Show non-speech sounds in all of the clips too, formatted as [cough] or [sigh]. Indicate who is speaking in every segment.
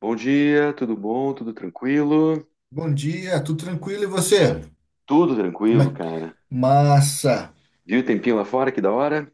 Speaker 1: Bom dia, tudo bom? Tudo tranquilo?
Speaker 2: Bom dia, tudo tranquilo e você?
Speaker 1: Tudo
Speaker 2: Como
Speaker 1: tranquilo,
Speaker 2: é?
Speaker 1: cara.
Speaker 2: Massa!
Speaker 1: Viu o tempinho lá fora? Que da hora?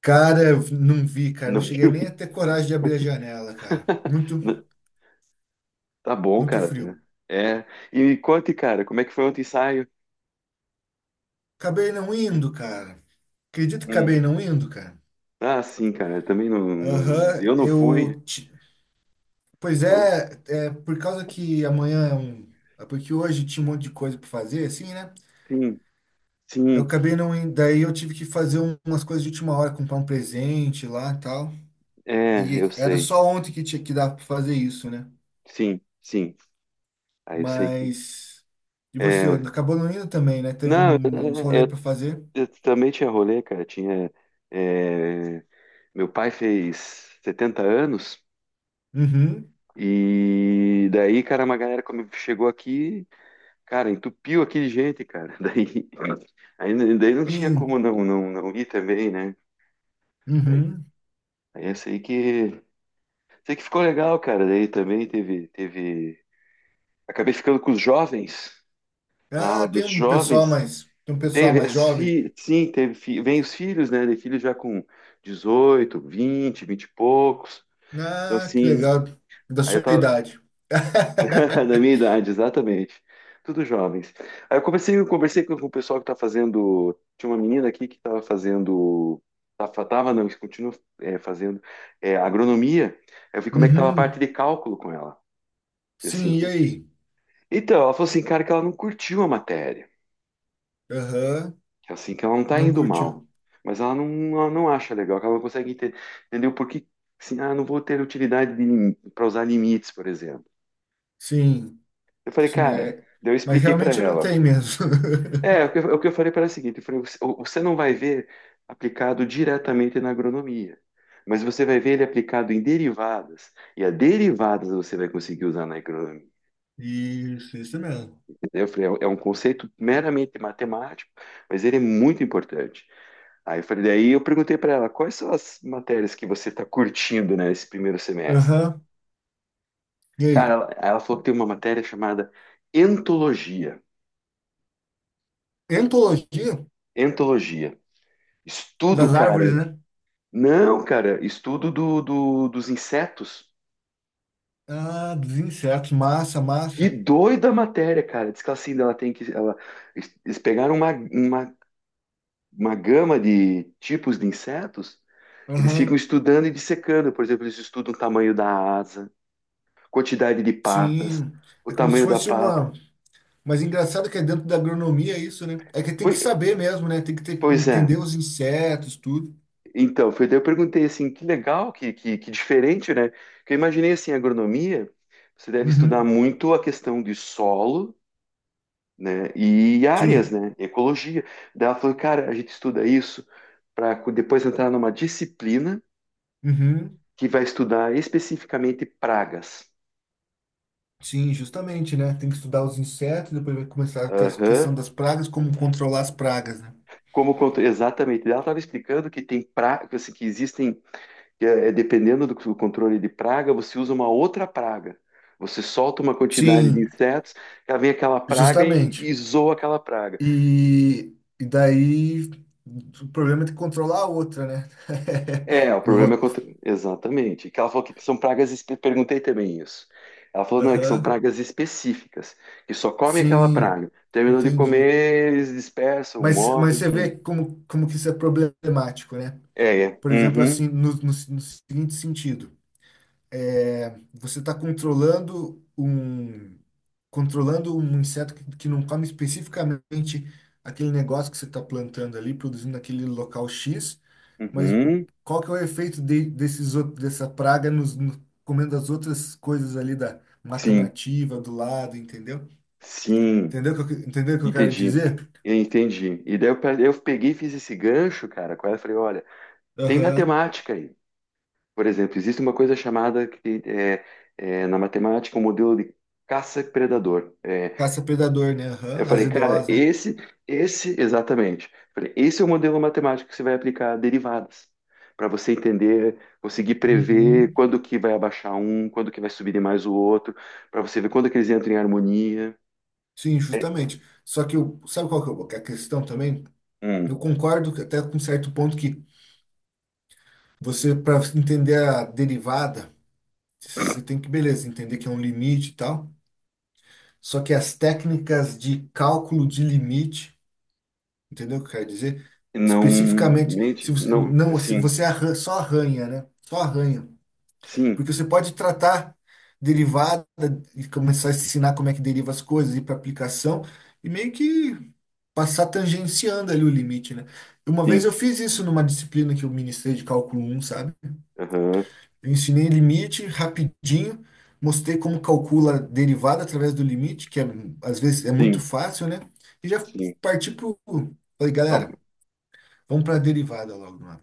Speaker 2: Cara, eu não vi, cara, não
Speaker 1: Não
Speaker 2: cheguei
Speaker 1: viu?
Speaker 2: nem a ter coragem de abrir a janela, cara. Muito,
Speaker 1: [laughs] Não- Tá bom,
Speaker 2: muito
Speaker 1: cara.
Speaker 2: frio.
Speaker 1: Tá. É. E me conte, cara, como é que foi ontem o ensaio?
Speaker 2: Acabei não indo, cara. Acredito que acabei
Speaker 1: Hum.
Speaker 2: não indo, cara.
Speaker 1: Ah, sim, cara. Também não.
Speaker 2: Aham,
Speaker 1: Eu não fui.
Speaker 2: Pois
Speaker 1: Pô.
Speaker 2: é, por causa que amanhã é um. Porque hoje tinha um monte de coisa pra fazer, assim, né?
Speaker 1: Sim,
Speaker 2: Eu
Speaker 1: sim.
Speaker 2: acabei não indo. Daí eu tive que fazer umas coisas de última hora, comprar um presente lá e tal.
Speaker 1: É, eu
Speaker 2: E era
Speaker 1: sei.
Speaker 2: só ontem que tinha que dar pra fazer isso, né?
Speaker 1: Sim, sim. Aí eu sei que.
Speaker 2: Mas. E
Speaker 1: É.
Speaker 2: você? Acabou não indo também, né? Teve
Speaker 1: Não,
Speaker 2: uns rolê
Speaker 1: eu,
Speaker 2: para fazer.
Speaker 1: eu também tinha rolê, cara. Tinha. É. Meu pai fez 70 anos.
Speaker 2: Uhum.
Speaker 1: E daí, cara, uma galera chegou aqui, cara, entupiu aqui de gente, cara. [laughs] Daí, aí, daí não tinha como
Speaker 2: Sim.
Speaker 1: não ir também, né?
Speaker 2: Uhum.
Speaker 1: Aí essa aí que, sei que ficou legal, cara. Daí também teve. Acabei ficando com os jovens, na
Speaker 2: Ah,
Speaker 1: aula
Speaker 2: tem
Speaker 1: dos
Speaker 2: um pessoal
Speaker 1: jovens.
Speaker 2: mais. Tem um pessoal
Speaker 1: Teve
Speaker 2: mais
Speaker 1: as
Speaker 2: jovem.
Speaker 1: filhas, sim, vem os filhos, né? Tem filhos já com 18, 20, 20 e poucos. Então,
Speaker 2: Ah, que
Speaker 1: sim,
Speaker 2: legal. Da
Speaker 1: aí eu
Speaker 2: sua
Speaker 1: tava.
Speaker 2: idade.
Speaker 1: [laughs] Da minha
Speaker 2: [laughs]
Speaker 1: idade, exatamente. Tudo jovens. Aí eu conversei com o pessoal que tá fazendo. Tinha uma menina aqui que estava fazendo. Tava, não, continua fazendo agronomia. Aí eu vi como é que tava a parte
Speaker 2: Uhum.
Speaker 1: de cálculo com ela. E assim,
Speaker 2: Sim, e aí?
Speaker 1: então, ela falou assim, cara, que ela não curtiu a matéria.
Speaker 2: Aham.
Speaker 1: Que assim, que ela não tá
Speaker 2: Não
Speaker 1: indo mal.
Speaker 2: curtiu.
Speaker 1: Mas ela não acha legal, que ela não consegue entender o porquê. Assim, ah, não vou ter utilidade para usar limites, por exemplo.
Speaker 2: Sim,
Speaker 1: Eu falei,
Speaker 2: sim,
Speaker 1: cara,
Speaker 2: é.
Speaker 1: daí eu
Speaker 2: Mas
Speaker 1: expliquei para
Speaker 2: realmente não
Speaker 1: ela.
Speaker 2: tem mesmo.
Speaker 1: É, o que
Speaker 2: [laughs]
Speaker 1: eu, o que eu falei para ela é o seguinte, eu falei, você não vai ver aplicado diretamente na agronomia, mas você vai ver ele aplicado em derivadas, e a derivadas você vai conseguir usar na agronomia.
Speaker 2: Isso mesmo.
Speaker 1: Eu falei, é um conceito meramente matemático, mas ele é muito importante. Aí eu falei, daí eu perguntei para ela, quais são as matérias que você está curtindo, né, esse primeiro semestre?
Speaker 2: Aham. E
Speaker 1: Cara,
Speaker 2: aí?
Speaker 1: ela falou que tem uma matéria chamada entologia,
Speaker 2: Entologia
Speaker 1: entologia. Estudo,
Speaker 2: das árvores,
Speaker 1: cara.
Speaker 2: né?
Speaker 1: Não, cara, estudo dos insetos.
Speaker 2: Ah, dos insetos. Massa,
Speaker 1: Que
Speaker 2: massa.
Speaker 1: doida a matéria, cara. Diz que assim, ela tem que. Ela, eles pegaram uma gama de tipos de insetos, eles ficam
Speaker 2: Aham.
Speaker 1: estudando e dissecando. Por exemplo, eles estudam o tamanho da asa, quantidade de patas,
Speaker 2: Sim.
Speaker 1: o
Speaker 2: É como se
Speaker 1: tamanho da
Speaker 2: fosse
Speaker 1: pata.
Speaker 2: uma. Mas engraçado que é dentro da agronomia isso, né? É que tem que
Speaker 1: Foi-
Speaker 2: saber mesmo, né? Tem que
Speaker 1: Pois é.
Speaker 2: entender os insetos, tudo.
Speaker 1: Então, foi daí eu perguntei assim, que legal, que diferente, né? Porque eu imaginei assim, a agronomia, você deve estudar
Speaker 2: Uhum.
Speaker 1: muito a questão de solo, né? E áreas,
Speaker 2: Sim.
Speaker 1: né? Ecologia. Daí ela falou, cara, a gente estuda isso para depois entrar numa disciplina
Speaker 2: Uhum.
Speaker 1: que vai estudar especificamente pragas.
Speaker 2: Sim, justamente, né? Tem que estudar os insetos, depois vai começar a ter a
Speaker 1: Aham.
Speaker 2: questão das pragas, como controlar as pragas, né?
Speaker 1: Exatamente, ela estava explicando que tem pragas assim, que existem, que é, dependendo do controle de praga, você usa uma outra praga. Você solta uma quantidade de
Speaker 2: Sim,
Speaker 1: insetos, ela vem aquela praga e,
Speaker 2: justamente.
Speaker 1: e zoa aquela praga.
Speaker 2: E daí o problema é ter que controlar a outra, né?
Speaker 1: É, o
Speaker 2: [laughs] Eu
Speaker 1: problema é
Speaker 2: vou.
Speaker 1: exatamente. Que ela falou que são pragas. Perguntei também isso. Ela falou, não, é que são
Speaker 2: Aham.
Speaker 1: pragas específicas, que só comem aquela
Speaker 2: Sim,
Speaker 1: praga. Terminou de
Speaker 2: entendi.
Speaker 1: comer, eles dispersam,
Speaker 2: Mas
Speaker 1: morrem,
Speaker 2: você
Speaker 1: enfim.
Speaker 2: vê como que isso é problemático, né?
Speaker 1: É, é.
Speaker 2: Por exemplo,
Speaker 1: Uhum,
Speaker 2: assim, no seguinte sentido, você está controlando um inseto que não come especificamente aquele negócio que você está plantando ali, produzindo naquele local X, mas
Speaker 1: uhum.
Speaker 2: qual que é o efeito dessa praga nos, no- comendo as outras coisas ali da mata
Speaker 1: Sim,
Speaker 2: nativa do lado, entendeu?
Speaker 1: sim.
Speaker 2: Entendeu o que eu quero
Speaker 1: Entendi.
Speaker 2: dizer?
Speaker 1: Eu entendi. E daí eu peguei e fiz esse gancho, cara, com ela e falei, olha, tem
Speaker 2: Aham.
Speaker 1: matemática aí. Por exemplo, existe uma coisa chamada na matemática, o modelo de caça-predador. É,
Speaker 2: Caça-predador, né?
Speaker 1: eu
Speaker 2: Aham. As
Speaker 1: falei, cara,
Speaker 2: EDOs, né?
Speaker 1: esse, exatamente. Falei, esse é o modelo matemático que você vai aplicar a derivadas, para você entender, conseguir prever
Speaker 2: Uhum.
Speaker 1: quando que vai abaixar um, quando que vai subir mais o outro, para você ver quando que eles entram em harmonia.
Speaker 2: Sim,
Speaker 1: É,
Speaker 2: justamente. Só que eu, sabe qual que é que é a questão também? Eu
Speaker 1: hum,
Speaker 2: concordo que até com certo ponto que você, para entender a derivada, você tem que, beleza, entender que é um limite e tal. Só que as técnicas de cálculo de limite, entendeu o que eu quero dizer?
Speaker 1: não,
Speaker 2: Especificamente, se
Speaker 1: mente,
Speaker 2: você,
Speaker 1: não,
Speaker 2: não, se
Speaker 1: sim,
Speaker 2: você só arranha, né? Só arranha.
Speaker 1: sim,
Speaker 2: Porque você pode tratar derivada e começar a ensinar como é que deriva as coisas, ir para aplicação e meio que passar tangenciando ali o limite, né? Uma vez eu
Speaker 1: sim,
Speaker 2: fiz isso numa disciplina que eu ministrei de cálculo um, sabe?
Speaker 1: aham,
Speaker 2: Eu ensinei limite rapidinho, mostrei como calcula a derivada através do limite, que é, às vezes é muito
Speaker 1: sim,
Speaker 2: fácil, né? E já
Speaker 1: sim.
Speaker 2: parti pro... Falei,
Speaker 1: Tá.
Speaker 2: galera, vamos para a derivada logo, mano.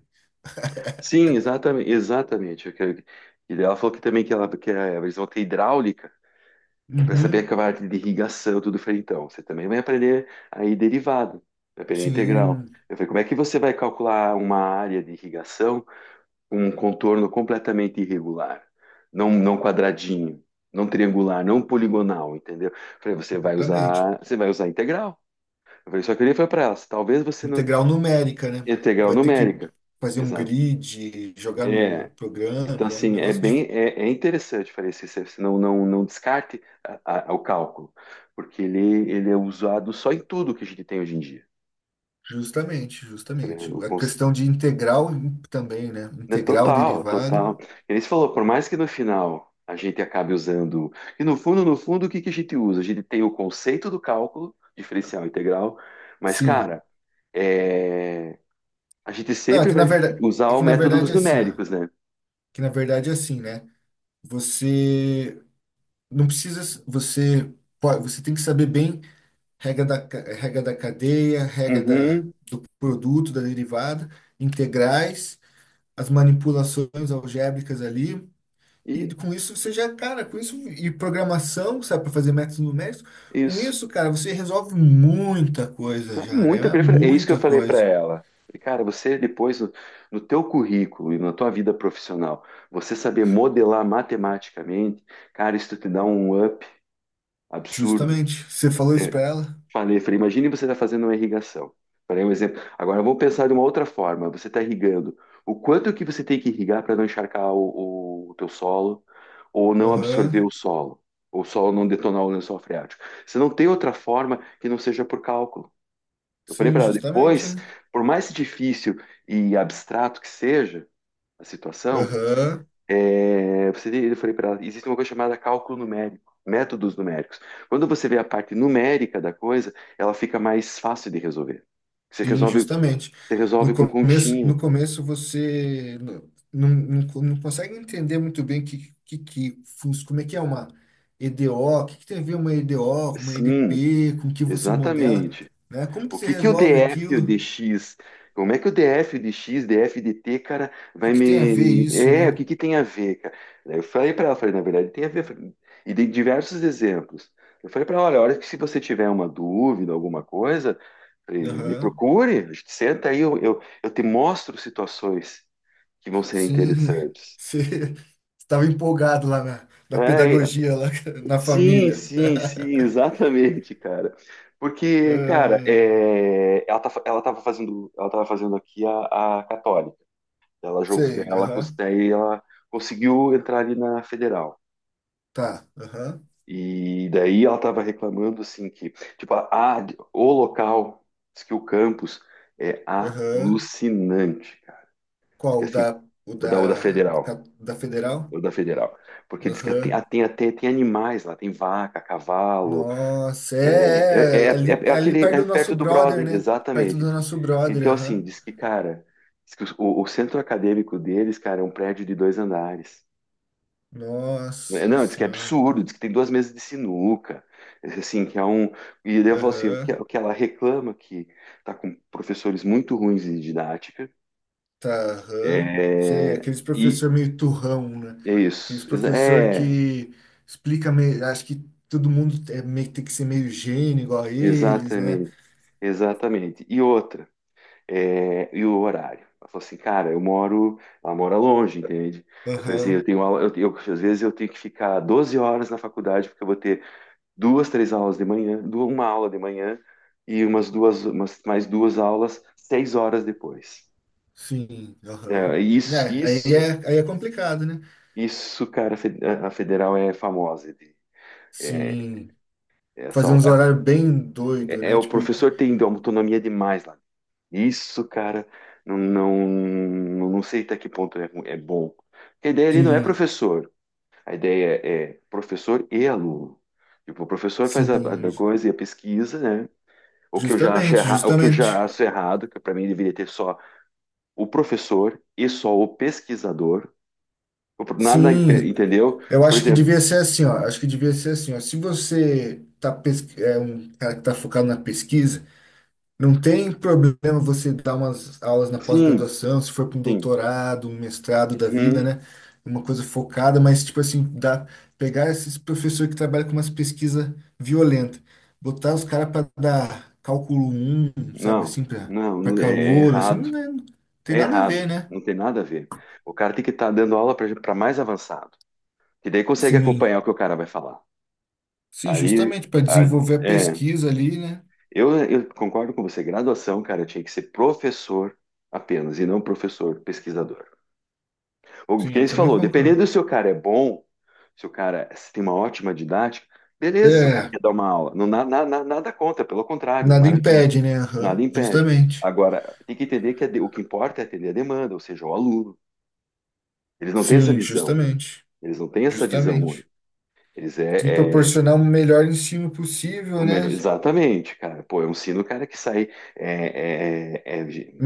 Speaker 1: Sim, exatamente, exatamente. E daí ela falou que também que, ela, que eles vão ter hidráulica, para saber
Speaker 2: Uhum,
Speaker 1: a parte de irrigação, tudo. Eu falei, então, você também vai aprender aí derivada, vai aprender integral.
Speaker 2: sim,
Speaker 1: Eu falei, como é que você vai calcular uma área de irrigação com um contorno completamente irregular, não, não quadradinho, não triangular, não poligonal, entendeu? Eu falei, você vai
Speaker 2: exatamente.
Speaker 1: usar, você vai usar integral. Eu falei, só que eu olhei falei para elas, talvez você não...
Speaker 2: Integral numérica, né?
Speaker 1: Integral
Speaker 2: Vai ter que
Speaker 1: numérica.
Speaker 2: fazer um
Speaker 1: Exato.
Speaker 2: grid, jogar num
Speaker 1: É, então,
Speaker 2: programa, né? Um
Speaker 1: assim, é
Speaker 2: negócio
Speaker 1: bem
Speaker 2: de...
Speaker 1: é, é interessante fazer esse exercício, não, não, não descarte o cálculo, porque ele é usado só em tudo que a gente tem hoje em dia.
Speaker 2: Justamente,
Speaker 1: Eu falei,
Speaker 2: justamente. A questão de integral também, né?
Speaker 1: né.
Speaker 2: Integral
Speaker 1: Total,
Speaker 2: derivada.
Speaker 1: total. Ele falou, por mais que no final a gente acabe usando, e no fundo, no fundo, o que que a gente usa? A gente tem o conceito do cálculo, diferencial integral, mas,
Speaker 2: Sim.
Speaker 1: cara, é, a gente
Speaker 2: Não, é
Speaker 1: sempre
Speaker 2: que
Speaker 1: vai
Speaker 2: na verdade,
Speaker 1: usar
Speaker 2: é
Speaker 1: o
Speaker 2: que na
Speaker 1: método
Speaker 2: verdade
Speaker 1: dos
Speaker 2: é assim, ó.
Speaker 1: numéricos, né?
Speaker 2: Que na verdade é assim, né? Você não precisa, você pode, você tem que saber bem regra da cadeia, regra
Speaker 1: Uhum,
Speaker 2: do produto, da derivada, integrais, as manipulações algébricas ali. E
Speaker 1: e
Speaker 2: com isso você já, cara, com isso e programação, sabe, para fazer métodos numéricos, com
Speaker 1: isso.
Speaker 2: isso, cara, você resolve muita coisa
Speaker 1: Tá
Speaker 2: já, né?
Speaker 1: muito,
Speaker 2: É
Speaker 1: é isso que eu
Speaker 2: muita
Speaker 1: falei para
Speaker 2: coisa.
Speaker 1: ela. Falei, cara, você depois no teu currículo e na tua vida profissional, você saber modelar matematicamente, cara, isso te dá um up absurdo.
Speaker 2: Justamente. Você falou isso para
Speaker 1: É.
Speaker 2: ela?
Speaker 1: Falei, imagine você está fazendo uma irrigação. Falei um exemplo. Agora vamos pensar de uma outra forma. Você está irrigando. O quanto que você tem que irrigar para não encharcar o teu solo ou não absorver o
Speaker 2: Aham.
Speaker 1: solo, ou o solo não detonar o lençol freático. Você não tem outra forma que não seja por cálculo. Eu falei
Speaker 2: Sim,
Speaker 1: para ela,
Speaker 2: justamente,
Speaker 1: depois,
Speaker 2: né?
Speaker 1: por mais difícil e abstrato que seja a situação,
Speaker 2: Aham.
Speaker 1: eu falei para ela, existe uma coisa chamada cálculo numérico, métodos numéricos. Quando você vê a parte numérica da coisa, ela fica mais fácil de resolver. Você
Speaker 2: Sim,
Speaker 1: resolve,
Speaker 2: justamente.
Speaker 1: você
Speaker 2: No
Speaker 1: resolve com
Speaker 2: começo,
Speaker 1: continha.
Speaker 2: no começo você não consegue entender muito bem como é que é uma EDO, o que tem a ver uma EDO, uma
Speaker 1: Sim,
Speaker 2: EDP, com o que você modela,
Speaker 1: exatamente.
Speaker 2: né? Como que
Speaker 1: O
Speaker 2: você
Speaker 1: que que o
Speaker 2: resolve
Speaker 1: DF e o
Speaker 2: aquilo?
Speaker 1: DX, como é que o DF, o DX, DF, DT, cara,
Speaker 2: que,
Speaker 1: vai
Speaker 2: que tem a ver
Speaker 1: me...
Speaker 2: isso,
Speaker 1: É, o
Speaker 2: né?
Speaker 1: que que tem a ver, cara? Daí eu falei para ela, falei, na verdade, tem a ver, falei, e dei diversos exemplos. Eu falei para ela, olha, a hora que se você tiver uma dúvida, alguma coisa, falei, me
Speaker 2: Aham.
Speaker 1: procure, a gente senta aí, eu te mostro situações que vão ser
Speaker 2: Sim, [laughs]
Speaker 1: interessantes.
Speaker 2: você estava empolgado lá na
Speaker 1: É,
Speaker 2: pedagogia, lá [laughs] na
Speaker 1: sim,
Speaker 2: família.
Speaker 1: sim, sim, [laughs]
Speaker 2: [laughs]
Speaker 1: exatamente, cara. Porque, cara,
Speaker 2: Ah,
Speaker 1: ela tava fazendo aqui a Católica. Ela jogou,
Speaker 2: sei, aham.
Speaker 1: daí ela conseguiu entrar ali na Federal.
Speaker 2: Tá, aham,
Speaker 1: E daí ela tava reclamando assim que, tipo, a- o local, diz que o campus é
Speaker 2: aham.
Speaker 1: alucinante, cara. Diz
Speaker 2: Qual,
Speaker 1: que
Speaker 2: o
Speaker 1: assim,
Speaker 2: da, o
Speaker 1: o
Speaker 2: da,
Speaker 1: da, o da Federal,
Speaker 2: cap- da Federal?
Speaker 1: o da Federal. Porque diz que tem,
Speaker 2: Aham.
Speaker 1: tem, tem, tem animais lá, tem vaca, cavalo.
Speaker 2: Nossa,
Speaker 1: É,
Speaker 2: é, é,
Speaker 1: é, é,
Speaker 2: é ali,
Speaker 1: é é
Speaker 2: é ali
Speaker 1: aquele
Speaker 2: perto
Speaker 1: é
Speaker 2: do nosso
Speaker 1: perto do
Speaker 2: brother,
Speaker 1: brother,
Speaker 2: né? Perto
Speaker 1: exatamente.
Speaker 2: do nosso brother,
Speaker 1: Então, assim,
Speaker 2: aham.
Speaker 1: diz que, cara, diz que o centro acadêmico deles, cara, é um prédio de dois andares. Né?
Speaker 2: Nossa
Speaker 1: Não, diz que é
Speaker 2: senhora.
Speaker 1: absurdo, diz que tem duas mesas de sinuca, assim, que é um. E daí eu falo assim, o que,
Speaker 2: Aham.
Speaker 1: o que ela reclama que tá com professores muito ruins de didática.
Speaker 2: Tá, aham. Sei,
Speaker 1: É,
Speaker 2: aqueles
Speaker 1: e
Speaker 2: professor meio turrão, né?
Speaker 1: é
Speaker 2: Aqueles
Speaker 1: isso.
Speaker 2: professor
Speaker 1: É,
Speaker 2: que explica meio, acho que todo mundo é meio, tem que ser meio gênio igual a eles, né?
Speaker 1: exatamente, exatamente. E outra. E o horário. Ela falou assim, cara, eu moro, ela mora longe, entende? Eu falei assim, eu
Speaker 2: Aham.
Speaker 1: tenho aula, às vezes eu tenho que ficar 12 horas na faculdade, porque eu vou ter duas, três aulas de manhã, uma aula de manhã e umas duas, umas, mais duas aulas, 6 horas depois.
Speaker 2: Sim, aham.
Speaker 1: É,
Speaker 2: É,
Speaker 1: isso,
Speaker 2: aí
Speaker 1: isso,
Speaker 2: é, aí é complicado, né?
Speaker 1: isso, cara, a Federal é famosa. É,
Speaker 2: Sim.
Speaker 1: é,
Speaker 2: Fazer
Speaker 1: essa,
Speaker 2: uns horários bem doido, né?
Speaker 1: o
Speaker 2: Tipo,
Speaker 1: professor tem autonomia demais lá. Isso, cara, não, não, não sei até que ponto é bom. Porque a ideia ali não é
Speaker 2: sim,
Speaker 1: professor, a ideia é professor e aluno. Tipo, o professor faz
Speaker 2: sim,
Speaker 1: a da coisa e a pesquisa, né? O que eu já acho
Speaker 2: justamente,
Speaker 1: errado, o que eu
Speaker 2: justamente.
Speaker 1: já acho errado, que para mim deveria ter só o professor e só o pesquisador. Nada,
Speaker 2: Sim,
Speaker 1: entendeu?
Speaker 2: eu
Speaker 1: Por
Speaker 2: acho que
Speaker 1: exemplo,
Speaker 2: devia ser assim, ó. Acho que devia ser assim, ó. Se você é um cara que tá focado na pesquisa. Não tem problema você dar umas aulas na
Speaker 1: sim,
Speaker 2: pós-graduação, se for para um
Speaker 1: sim,
Speaker 2: doutorado, um mestrado da vida,
Speaker 1: uhum,
Speaker 2: né? Uma coisa focada, mas tipo assim, dá, pegar esses professores que trabalham com umas pesquisas violentas, botar os caras para dar cálculo um, sabe
Speaker 1: não,
Speaker 2: assim, para
Speaker 1: não, é
Speaker 2: calor, assim,
Speaker 1: errado,
Speaker 2: não, não tem
Speaker 1: é
Speaker 2: nada a ver,
Speaker 1: errado,
Speaker 2: né?
Speaker 1: não tem nada a ver. O cara tem que estar dando aula para mais avançado. Que daí consegue
Speaker 2: Sim,
Speaker 1: acompanhar o que o cara vai falar.
Speaker 2: sim,
Speaker 1: Ali,
Speaker 2: justamente para
Speaker 1: ali-
Speaker 2: desenvolver a
Speaker 1: é,
Speaker 2: pesquisa ali, né?
Speaker 1: eu concordo com você. Graduação, cara, tinha que ser professor apenas, e não professor pesquisador. O
Speaker 2: Sim, eu
Speaker 1: que você
Speaker 2: também
Speaker 1: falou,
Speaker 2: concordo.
Speaker 1: dependendo se o cara é bom, se o cara tem uma ótima didática, beleza, se o cara
Speaker 2: É,
Speaker 1: quer dar uma aula. Não, nada contra, pelo contrário,
Speaker 2: nada
Speaker 1: maravilha.
Speaker 2: impede, né?
Speaker 1: Nada
Speaker 2: Aham,
Speaker 1: impede.
Speaker 2: justamente.
Speaker 1: Agora, tem que entender que o que importa é atender a demanda, ou seja, o aluno. Eles não têm essa
Speaker 2: Sim,
Speaker 1: visão.
Speaker 2: justamente.
Speaker 1: Eles não têm essa visão.
Speaker 2: Justamente.
Speaker 1: Única. Eles
Speaker 2: Tem que
Speaker 1: é, é-
Speaker 2: proporcionar o melhor ensino
Speaker 1: O
Speaker 2: possível, né?
Speaker 1: melhor, exatamente, cara. Pô, é um sino, cara, que sai. É, é, é, é de-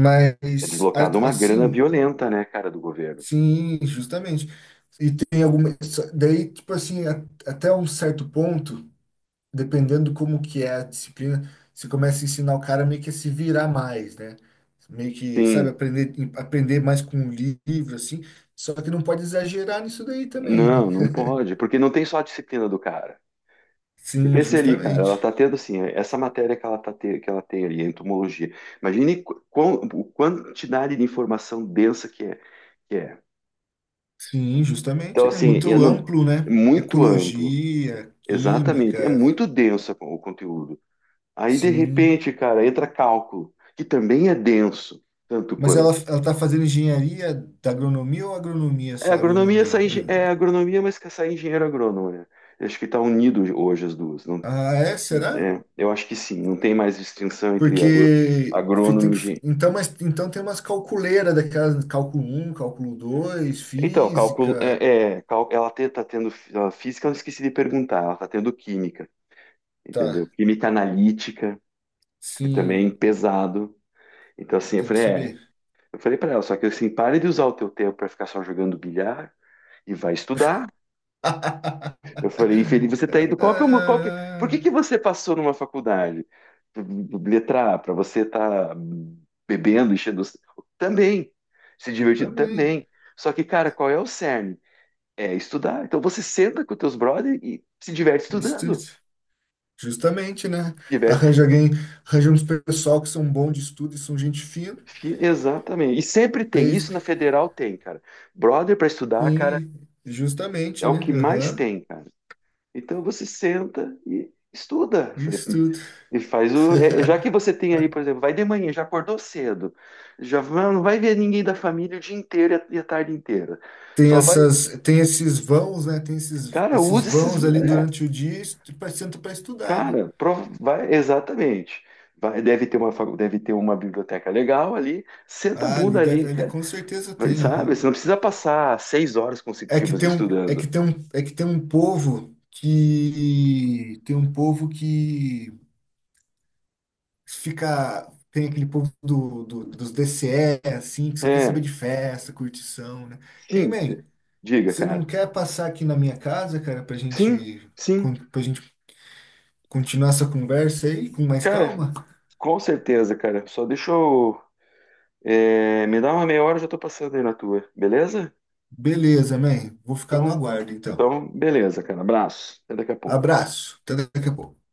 Speaker 1: É deslocado uma grana
Speaker 2: assim,
Speaker 1: violenta, né, cara, do governo.
Speaker 2: sim, justamente. E tem algumas. Daí, tipo assim, até um certo ponto, dependendo como que é a disciplina, você começa a ensinar o cara meio que a se virar mais, né? Meio que, sabe,
Speaker 1: Sim,
Speaker 2: aprender mais com o livro, assim. Só que não pode exagerar nisso daí também, né?
Speaker 1: não, não pode, porque não tem só a disciplina do cara. Você
Speaker 2: Sim,
Speaker 1: pensa ali, cara, ela
Speaker 2: justamente.
Speaker 1: tá tendo assim, essa matéria que que ela tem ali, entomologia. Imagine quão, o quantidade de informação densa que é.
Speaker 2: Sim,
Speaker 1: Então,
Speaker 2: justamente, né?
Speaker 1: assim, eu
Speaker 2: Muito
Speaker 1: não-
Speaker 2: amplo,
Speaker 1: é
Speaker 2: né?
Speaker 1: muito amplo.
Speaker 2: Ecologia, química.
Speaker 1: Exatamente, é muito denso o conteúdo. Aí, de
Speaker 2: Sim.
Speaker 1: repente, cara, entra cálculo, que também é denso, tanto
Speaker 2: Mas
Speaker 1: quanto.
Speaker 2: ela tá fazendo engenharia da agronomia ou agronomia
Speaker 1: É
Speaker 2: só?
Speaker 1: agronomia,
Speaker 2: Agronomia.
Speaker 1: sai, engen- é agronomia, mas que sai engenheiro agrônomo, né? Eu acho que está unido hoje as duas. Não,
Speaker 2: Ah, é? Será?
Speaker 1: eu acho que sim, não tem mais distinção entre
Speaker 2: Porque
Speaker 1: agrônomo
Speaker 2: tem
Speaker 1: e
Speaker 2: que,
Speaker 1: engenheiro.
Speaker 2: então, mas, então tem umas calculeiras daquelas, cálculo um cálculo dois
Speaker 1: Então, cálculo,
Speaker 2: física.
Speaker 1: ela está tendo a física, eu esqueci de perguntar, ela está tendo química,
Speaker 2: Tá,
Speaker 1: entendeu? Química analítica, que também é
Speaker 2: sim,
Speaker 1: pesado. Então, assim,
Speaker 2: tem que saber.
Speaker 1: eu falei para ela, só que assim, pare de usar o teu tempo para ficar só jogando bilhar e vai estudar.
Speaker 2: [laughs]
Speaker 1: Eu falei, Felipe, você tá indo. Qual que é o, qual que, por que
Speaker 2: Ah,
Speaker 1: que você passou numa faculdade? Letra A, para você estar tá bebendo, enchendo. Também. Se divertindo
Speaker 2: também.
Speaker 1: também. Só que, cara, qual é o cerne? É estudar. Então você senta com os teus brothers e se diverte
Speaker 2: Isso,
Speaker 1: estudando.
Speaker 2: justamente, né?
Speaker 1: Diverte.
Speaker 2: Arranja alguém, arranja uns pessoal que são bons de estudo e são gente fina.
Speaker 1: Exatamente. E sempre tem.
Speaker 2: Daí,
Speaker 1: Isso na Federal tem, cara. Brother para estudar, cara,
Speaker 2: sim,
Speaker 1: é
Speaker 2: justamente,
Speaker 1: o
Speaker 2: né?
Speaker 1: que mais
Speaker 2: Aham.
Speaker 1: tem, cara. Então você senta e estuda. Falei,
Speaker 2: Isso tudo.
Speaker 1: e faz o. Já que você tem aí, por exemplo, vai de manhã, já acordou cedo, não vai ver ninguém da família o dia inteiro e e a tarde inteira.
Speaker 2: Tem
Speaker 1: Só vai.
Speaker 2: essas, tem esses vãos, né? Tem esses,
Speaker 1: Cara,
Speaker 2: esses
Speaker 1: usa esses.
Speaker 2: vãos ali durante o dia, senta para estudar, né?
Speaker 1: Cara, vai, exatamente. Vai, deve ter uma biblioteca legal ali, senta a
Speaker 2: Ah,
Speaker 1: bunda ali,
Speaker 2: ali
Speaker 1: cara.
Speaker 2: com certeza
Speaker 1: Vai.
Speaker 2: tem,
Speaker 1: Sabe?
Speaker 2: aham.
Speaker 1: Você não precisa passar seis horas
Speaker 2: É que
Speaker 1: consecutivas
Speaker 2: tem um, é que
Speaker 1: estudando.
Speaker 2: tem um, é que tem um povo que fica, tem aquele povo dos DCE, assim, que só quer saber
Speaker 1: É,
Speaker 2: de festa, curtição, né? Ei,
Speaker 1: sim,
Speaker 2: man,
Speaker 1: diga,
Speaker 2: você não
Speaker 1: cara.
Speaker 2: quer passar aqui na minha casa, cara, pra
Speaker 1: Sim,
Speaker 2: gente
Speaker 1: sim,
Speaker 2: para gente continuar essa conversa aí com mais
Speaker 1: cara,
Speaker 2: calma?
Speaker 1: com certeza, cara. Só deixa eu. É, me dá uma meia hora, eu já tô passando aí na tua, beleza?
Speaker 2: Beleza, man. Vou ficar no
Speaker 1: Então,
Speaker 2: aguardo, então.
Speaker 1: então, beleza, cara. Abraço. Até daqui a pouco.
Speaker 2: Abraço. Até daqui a pouco.